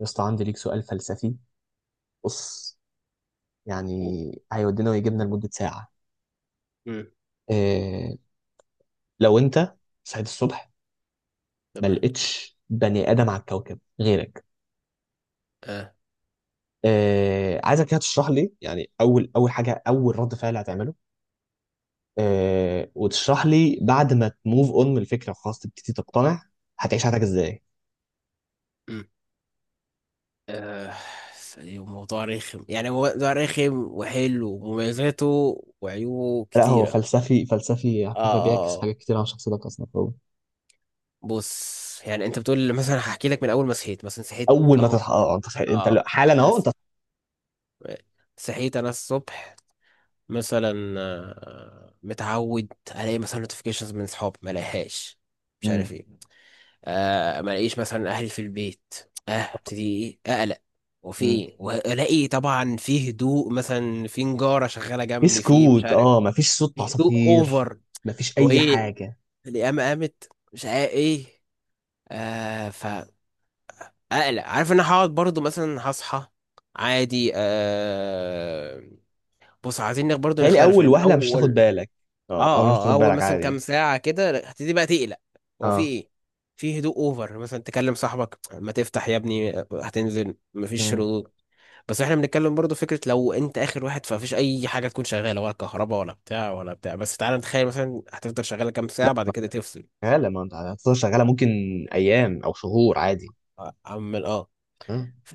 يا اسطى عندي ليك سؤال فلسفي. بص، يعني هيودينا ويجيبنا لمدة ساعة. امم. إيه، لو انت صحيت الصبح ما تمام. لقيتش بني آدم على الكوكب غيرك، اه. إيه عايزك كده تشرح لي يعني اول حاجة، اول رد فعل هتعمله إيه، وتشرح لي بعد ما تموف اون من الفكرة خلاص تبتدي تقتنع هتعيش حياتك ازاي. امم. آه. ثانية، موضوع رخم يعني هو موضوع رخم وحلو ومميزاته وعيوبه لا هو كتيرة. فلسفي فلسفي على اه فكرة، اه بيعكس آه. حاجات كتير عن شخصيتك اصلا هو. بص يعني انت بتقول مثلا هحكي لك من اول ما صحيت مثلا صحيت اول ما اهو. تصحى اه انت انت اه حالا انا اهو انت. صحيت انا الصبح مثلا، متعود الاقي مثلا نوتيفيكيشنز من اصحاب ما الاقيهاش مش عارف ايه. ما الاقيش مثلا اهلي في البيت. اه ابتدي ايه اقلق، وفي امم، ايه والاقي طبعا في هدوء مثلا، في نجارة شغالة جنبي، في مش اسكوت، عارف، اه مفيش صوت في هدوء عصافير، اوفر. مفيش هو اي ايه؟ حاجه. القيامة قامت مش عارف ايه. فاقلق. عارف ان أنا هقعد برضو مثلا هصحى عادي. بص عايزين برضو تهيألي نختلف اول لان وهله مش تاخد اول. بالك. اه اه، اول مش اه تاخد اول بالك مثلا كام عادي. ساعه كده هتبتدي بقى تقلق. هو في اه. ايه؟ في هدوء اوفر مثلا تكلم صاحبك ما تفتح يا ابني، هتنزل مفيش مم. ردود. بس احنا بنتكلم برضو فكره لو انت اخر واحد، فمفيش اي حاجه تكون شغاله، ولا كهرباء ولا بتاع ولا بتاع، بس تعالى نتخيل مثلا هتفضل شغاله كام لا ساعه بعد كده تفصل. شغاله، ما انت هتفضل شغاله، ممكن ايام او شهور عادي. عمال اه. اه. ف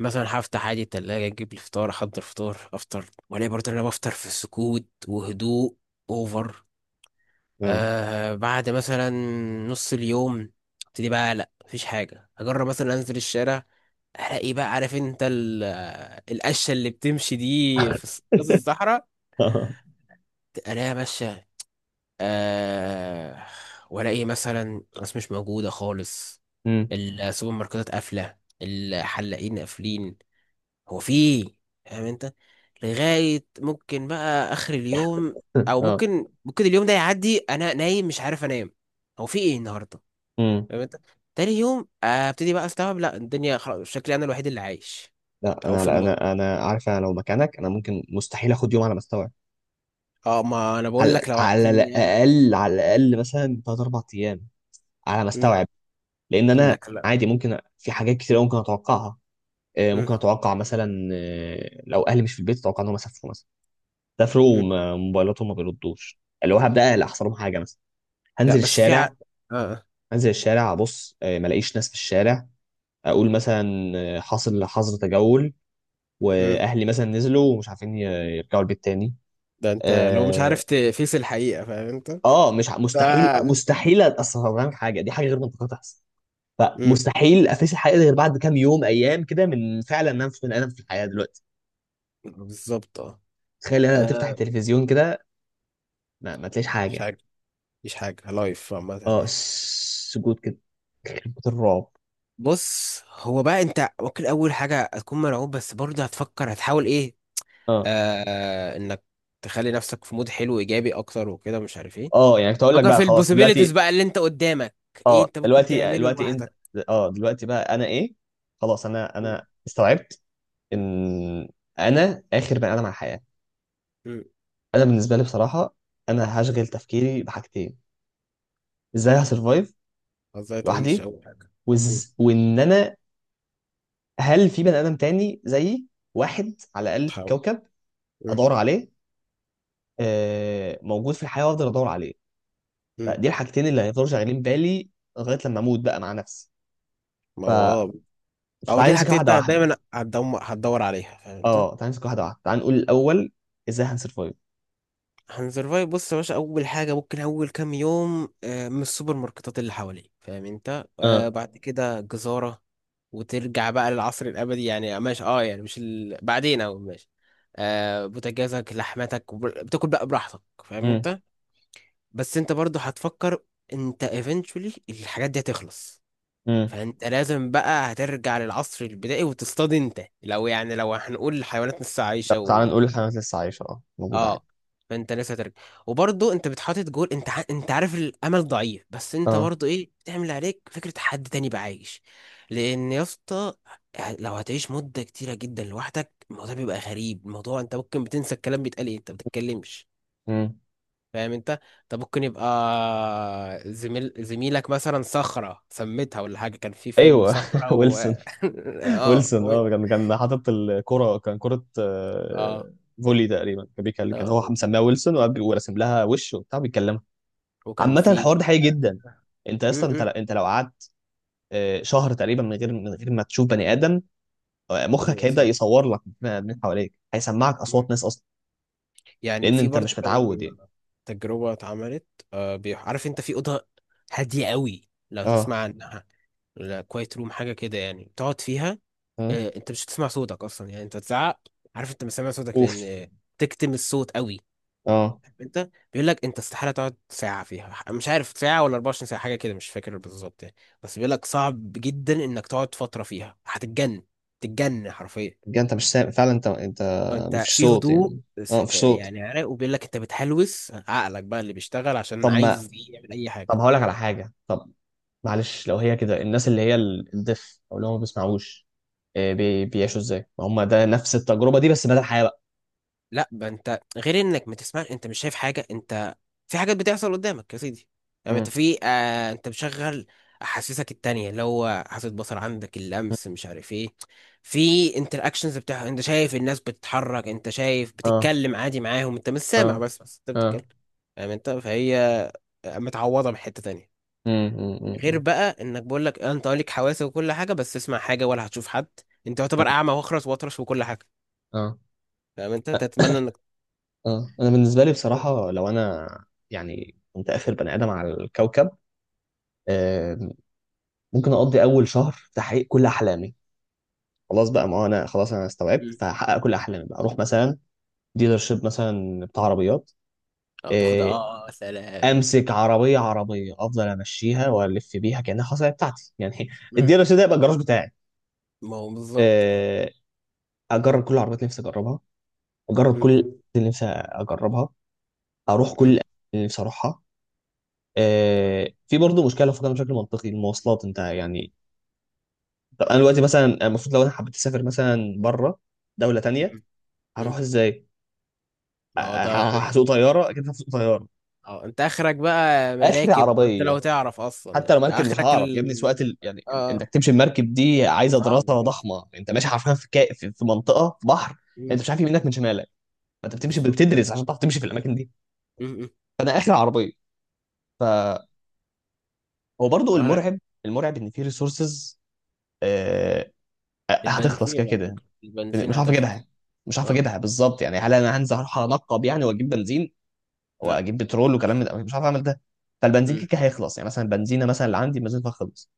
مثلا هفتح عادي التلاجة اجيب الفطار، احضر فطار افطر، والاقي برضه إن انا بفطر في سكوت وهدوء اوفر. اه. بعد مثلا نص اليوم ابتدي بقى لا مفيش حاجة، اجرب مثلا انزل الشارع. الاقي بقى عارف انت القشة اللي بتمشي دي في نص الصحراء اه. الاقيها ماشية. آه والاقي مثلا ناس مش موجودة خالص. مم. السوبر ماركتات قافلة، الحلاقين قافلين. هو في إيه؟ فاهم انت. لغاية ممكن بقى اخر اليوم، او آه. ممكن اليوم ده يعدي انا نايم مش عارف انام. هو في ايه النهاردة؟ مم. فاهم انت. تاني يوم، ابتدي بقى استوعب لا الدنيا خلاص شكلي انا الوحيد اللي عايش، لا او انا، في لا المنطقه. انا، انا عارف لو مكانك انا ممكن، مستحيل اخد يوم على ما استوعب. اه ما انا بقول لك على لو على عارفين يعني. الاقل، على الاقل مثلا 3-4 ايام على ما مم. استوعب. لان انا انك لا. عادي ممكن في حاجات كتير أوي ممكن اتوقعها. آه، مم. ممكن اتوقع مثلا آه، لو اهلي مش في البيت اتوقع ان هم سافروا مثلا، سافروا مم. وموبايلاتهم ما بيردوش، اللي هو هبدا اقلق احصل لهم حاجه مثلا. لا هنزل بس في الشارع، اه. آه. هنزل الشارع ابص آه، ما الاقيش ناس في الشارع، اقول مثلا آه، حاصل حظر تجول مم. واهلي مثلا نزلوا ومش عارفين يرجعوا البيت تاني. ده انت لو مش اه عارف تفيس الحقيقه، فاهم انت. آه، مش ع- ف. مستحيل، مستحيل اصلا حاجه دي، حاجه غير منطقيه تحصل. مم. فمستحيل افيس الحقيقه دي غير بعد كام يوم، ايام كده، من فعلا ان انا مش بني ادم في الحياه دلوقتي. بالظبط اه. تخيل انا تفتح آه. التلفزيون كده ما تلاقيش مش حاجه. حاجه، مش حاجه لايف عامه اه يعني. سجود كده، كلمة الرعب. بص هو بقى انت ممكن اول حاجه هتكون مرعوب، بس برضه هتفكر هتحاول ايه. اه. آه انك تخلي نفسك في مود حلو ايجابي اكتر وكده مش عارف ايه. اه يعني كنت اقول لك فكر بقى في خلاص البوسيبيليتيز دلوقتي. بقى اللي انت قدامك. ايه اه انت ممكن دلوقتي آه، تعمله دلوقتي انت. لوحدك. اه دلوقتي بقى انا ايه، خلاص انا مم. انا استوعبت ان انا اخر بني ادم على الحياة. مم. انا بالنسبة لي بصراحة، انا هشغل تفكيري بحاجتين. ازاي هسرفايف ازاي تعيش لوحدي، اول حاجه. مم. وان انا هل في بني ادم تاني زيي، واحد على الاقل في تحاول. الكوكب مم. ادور عليه، آه موجود في الحياة وافضل ادور عليه. مم. فدي الحاجتين اللي هيفضلوا شغالين بالي لغايه لما اموت بقى مع نفسي. ما ف... هو اه. او فتعالى دي نمسك الحاجتين انت واحده واحده. دايما هتدور عليها، فاهم انت. اه تعالى نمسك واحده واحده، تعالى نقول الاول ازاي هنسرفايف. هنسرفايف، بص يا باشا اول حاجه ممكن اول كام يوم، من السوبر ماركتات اللي حواليك، فاهم انت، اه. بعد كده جزاره. وترجع بقى للعصر الابدي يعني ماشي، اه يعني مش بعدين، او ماشي. بوتاجازك لحمتك، وب- بتاكل بقى براحتك، فاهم امم انت. بس انت برضو هتفكر، انت eventually الحاجات دي هتخلص. امم. فانت لازم بقى هترجع للعصر البدائي وتصطاد، انت لو يعني لو هنقول الحيوانات لسه لا عايشه. تعالى نقول الحيوانات لسه عايشه، اه موجوده عادي. اه فانت لسه هترجع. وبرضه انت بتحاطط جول، انت انت عارف الامل ضعيف بس انت اه. برضه ايه، بتعمل اللي عليك فكره حد تاني بقى عايش. لان يا اسطى لو هتعيش مده كتيره جدا لوحدك، الموضوع بيبقى غريب. الموضوع انت ممكن بتنسى الكلام بيتقال ايه، انت ما بتتكلمش، امم. فاهم انت. انت ممكن يبقى زميلك مثلا صخره سميتها ولا حاجه، كان في فيلم ايوه، صخره ويلسون. اه ويلسون اه كان كان حاطط الكره، كان كره اه آه، فولي تقريبا، كان بيكلم، كان هو آه. مسميها ويلسون وقاعد وراسم لها وش وبتاع بيتكلمها. وكان عامه في الحوار ده حقيقي جدا، انت اصلا انت م. انت لو قعدت آه، شهر تقريبا من غير ما تشوف بني ادم، الموضوع مخك بيبقى هيبدأ صعب. يصور لك من حواليك، هيسمعك أصوات ناس أصلا، يعني لأن في أنت برضو مش كان متعود يعني. تجربة اتعملت. عارف انت في أوضة هادية قوي لو تسمع اه. عنها، لا كوايت روم حاجة كده يعني تقعد فيها. اه. انت مش هتسمع صوتك اصلا يعني انت تزعق عارف انت مش سامع صوتك اوف. لان تكتم الصوت قوي. اه. عارف انت بيقول لك انت استحالة تقعد ساعة فيها، مش عارف ساعة ولا 24 ساعة حاجة كده مش فاكر بالظبط يعني. بس بيقول لك صعب جدا انك تقعد فترة فيها هتتجن، تتجن حرفيا. بجد انت مش سامع فعلا، انت انت انت مفيش في صوت هدوء، يعني. اه مفيش صوت. يعني عراق، وبيقول لك انت بتحلوس عقلك بقى اللي بيشتغل عشان طب ما، عايز يعمل اي حاجه. طب هقول لك على حاجة، طب معلش، لو هي كده الناس اللي هي الدف أو اللي هم ما بيسمعوش آه، بيعيشوا ازاي؟ ما هم ده نفس التجربة دي بس بدل الحياة بقى. لا بقى انت غير انك ما تسمع، انت مش شايف حاجه، انت في حاجات بتحصل قدامك يا سيدي. يعني انت امم. في انت مشغل احاسيسك التانية، اللي هو حاسة بصر عندك، اللمس، مش عارف ايه. في انتراكشنز بتاع، انت شايف الناس بتتحرك، انت شايف اه بتتكلم عادي معاهم، انت مش سامع اه بس انت اه. بتتكلم. يعني انت فهي متعوضة من حتة تانية. غير امم. بقى انك بقول لك انت ليك حواس وكل حاجه بس تسمع حاجه ولا هتشوف حد، انت يعتبر اعمى واخرس واطرش وكل حاجه، امم. فاهم انت، تتمنى انك. اه انا بالنسبه لي بصراحه لو انا يعني كنت اخر بني ادم على الكوكب آه، ممكن اقضي اول شهر في تحقيق كل احلامي. خلاص بقى، ما هو انا خلاص انا استوعبت، مم. فهحقق كل احلامي بقى، اروح مثلا ديلرشيب مثلا بتاع عربيات او تاخد اه، آه، آه، آه، سلام. امسك عربيه، عربيه افضل امشيها والف بيها كانها خلاص هي بتاعتي يعني. مم. الديلرشيب ده يبقى الجراج بتاعي ما هو بالظبط اه. آه، اجرب كل العربيات اللي نفسي اجربها، اجرب مم. كل اللي نفسي اجربها، اروح كل مم. الأماكن اللي نفسي اروحها. آه، في برضه مشكله لو فكرنا بشكل منطقي، المواصلات انت يعني. طب انا دلوقتي مثلا المفروض لو انا حبيت اسافر مثلا بره، دوله تانية، مم. هروح مم. ازاي؟ ما هو ه- ده فكرة. هسوق طياره، اكيد هسوق طياره. اه انت اخرك بقى اخر مراكب، وانت لو عربيه، تعرف اصلا حتى لو يعني مركب مش اخرك هعرف يا ابني ال سواقه يعني انك اه تمشي بمركب دي عايزه صعبة دراسه جدا. ضخمه، انت ماشي حرفيا في في منطقه في بحر، مم. انت مش عارف يمينك من شمالك، فانت بتمشي بالظبط اه. بتدرس عشان تعرف تمشي في الاماكن دي. مم. مم. فانا اخر عربيه. فهو برضه آخرك. المرعب، المرعب ان في ريسورسز هتخلص كده البنزين على كده. فكرة، البنزين مش عارف هتخلص. اجيبها، مش عارف اه اجيبها بالظبط، يعني هل انا هنزل اروح انقب يعني واجيب بنزين لا واجيب بترول وكلام من اخ. ده، مش عارف اعمل ده. فالبنزين كده مم. كده هيخلص، يعني مثلا البنزينه مثلا اللي عندي بنزينها خلص،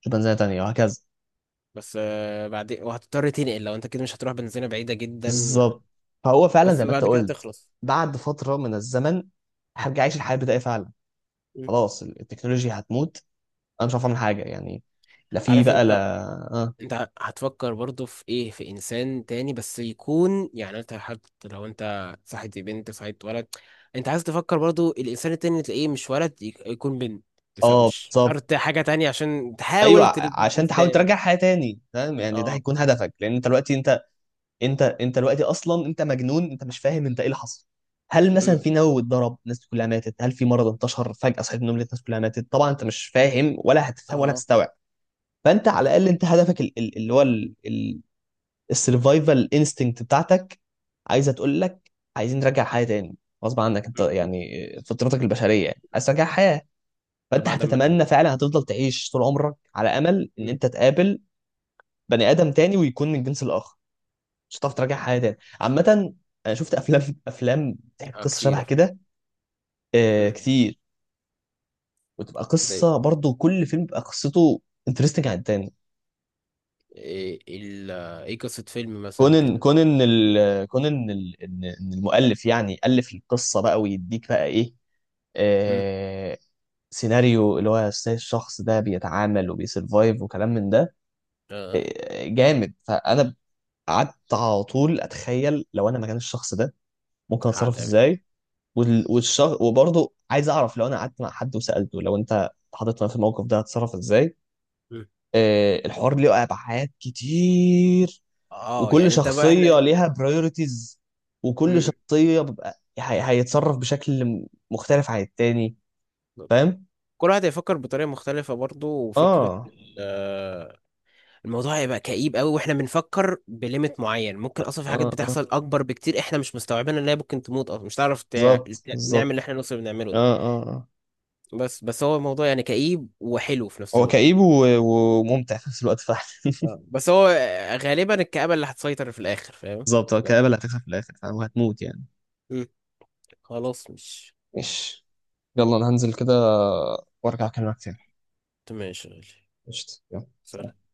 شوف بنزينه تانيه، وهكذا. بس بعدين وهتضطر تنقل، لو انت كده مش هتروح بنزينة بعيدة جدا. بالظبط. فهو فعلا بس زي ما انت بعد كده قلت، تخلص. بعد فتره من الزمن هرجع اعيش الحياه البدائيه فعلا، مم. خلاص التكنولوجيا هتموت، انا مش عارف اعمل حاجه يعني. لا في عارف بقى، انت لا. اه. هتفكر برضو في ايه، في انسان تاني بس يكون يعني، انت حتى لو انت صاحبت بنت صاحبت ولد. انت عايز تفكر برضو الانسان التاني اللي تلاقيه مش ولد، يكون بنت. بس اه مش بالظبط، شرط حاجة تانية، عشان تحاول ايوه. تربي عشان جنس تحاول تاني. ترجع حياه تاني، فاهم يعني، ده اه. هيكون هدفك، لان انت دلوقتي انت، انت انت دلوقتي اصلا انت مجنون، انت مش فاهم انت ايه اللي حصل. هل مثلا مم. في نووي اتضرب الناس كلها ماتت، هل في مرض انتشر فجأة صحيت من النوم لقيت الناس كلها ماتت، طبعا انت مش فاهم ولا هتفهم ولا اه هتستوعب. فانت على الاقل انت بالظبط. هدفك اللي هو السرفايفل انستنكت بتاعتك، عايزه تقول لك عايزين نرجع حياه تاني، غصب عنك انت مم. مم. يعني، فطرتك البشريه يعني عايز ترجع حياه. ده فانت بعد ما هتتمنى تيجي. فعلا، هتفضل تعيش طول عمرك على امل ان مم. انت تقابل بني ادم تاني ويكون من الجنس الاخر. مش هتعرف تراجع طب. حاجه تاني عامه. انا شفت افلام، افلام بتحكي آه، قصه كتير شبه أهو. كده. آه مم. كتير. وتبقى زي قصه برضو، كل فيلم بيبقى قصته انترستنج عن التاني. ايه ايه قصة فيلم كون مثلا ان كده. كون ان ال- كون ان ال- ان إن المؤلف يعني الف القصه بقى ويديك بقى ايه امم. آه، سيناريو اللي هو إزاي الشخص ده بيتعامل وبيسرفايف وكلام من ده اه آه، جامد. فانا قعدت على طول اتخيل لو انا مكان الشخص ده ممكن اتصرف هتعمل. ازاي. مم. وبرضه عايز اعرف لو انا قعدت مع حد وسالته لو انت اتحطيت في الموقف ده هتتصرف ازاي. مم. آه الحوار ليه ابعاد كتير، اه وكل يعني انت بقى احنا. شخصيه ليها برايورتيز، وكل مم. شخصيه بيبقى هي... هيتصرف بشكل مختلف عن التاني، فاهم. كل واحد هيفكر بطريقة مختلفة برضو، وفكرة اه آه. الموضوع هيبقى كئيب قوي، واحنا بنفكر بليميت معين، ممكن اصلا في حاجات اه اه بتحصل اكبر بكتير احنا مش مستوعبينها، ان هي ممكن تموت اصلا، مش هتعرف بالظبط، نعمل بالظبط. اللي احنا نوصل بنعمله ده. اه اه اه. بس هو الموضوع يعني كئيب وحلو في نفس هو الوقت. كئيب وممتع في نفس الوقت فعلا. آه. بس هو، غالبا الكآبة اللي هتسيطر في الاخر، فاهم. بالظبط، هو لا. الكآبة اللي هتكسب في الآخر، فاهم، وهتموت يعني. مم. خلاص مش. ماشي، يلا أنا هنزل كده وأرجع أكلمك تاني. تمام يا شغالي. قشطة، يلا. سلام.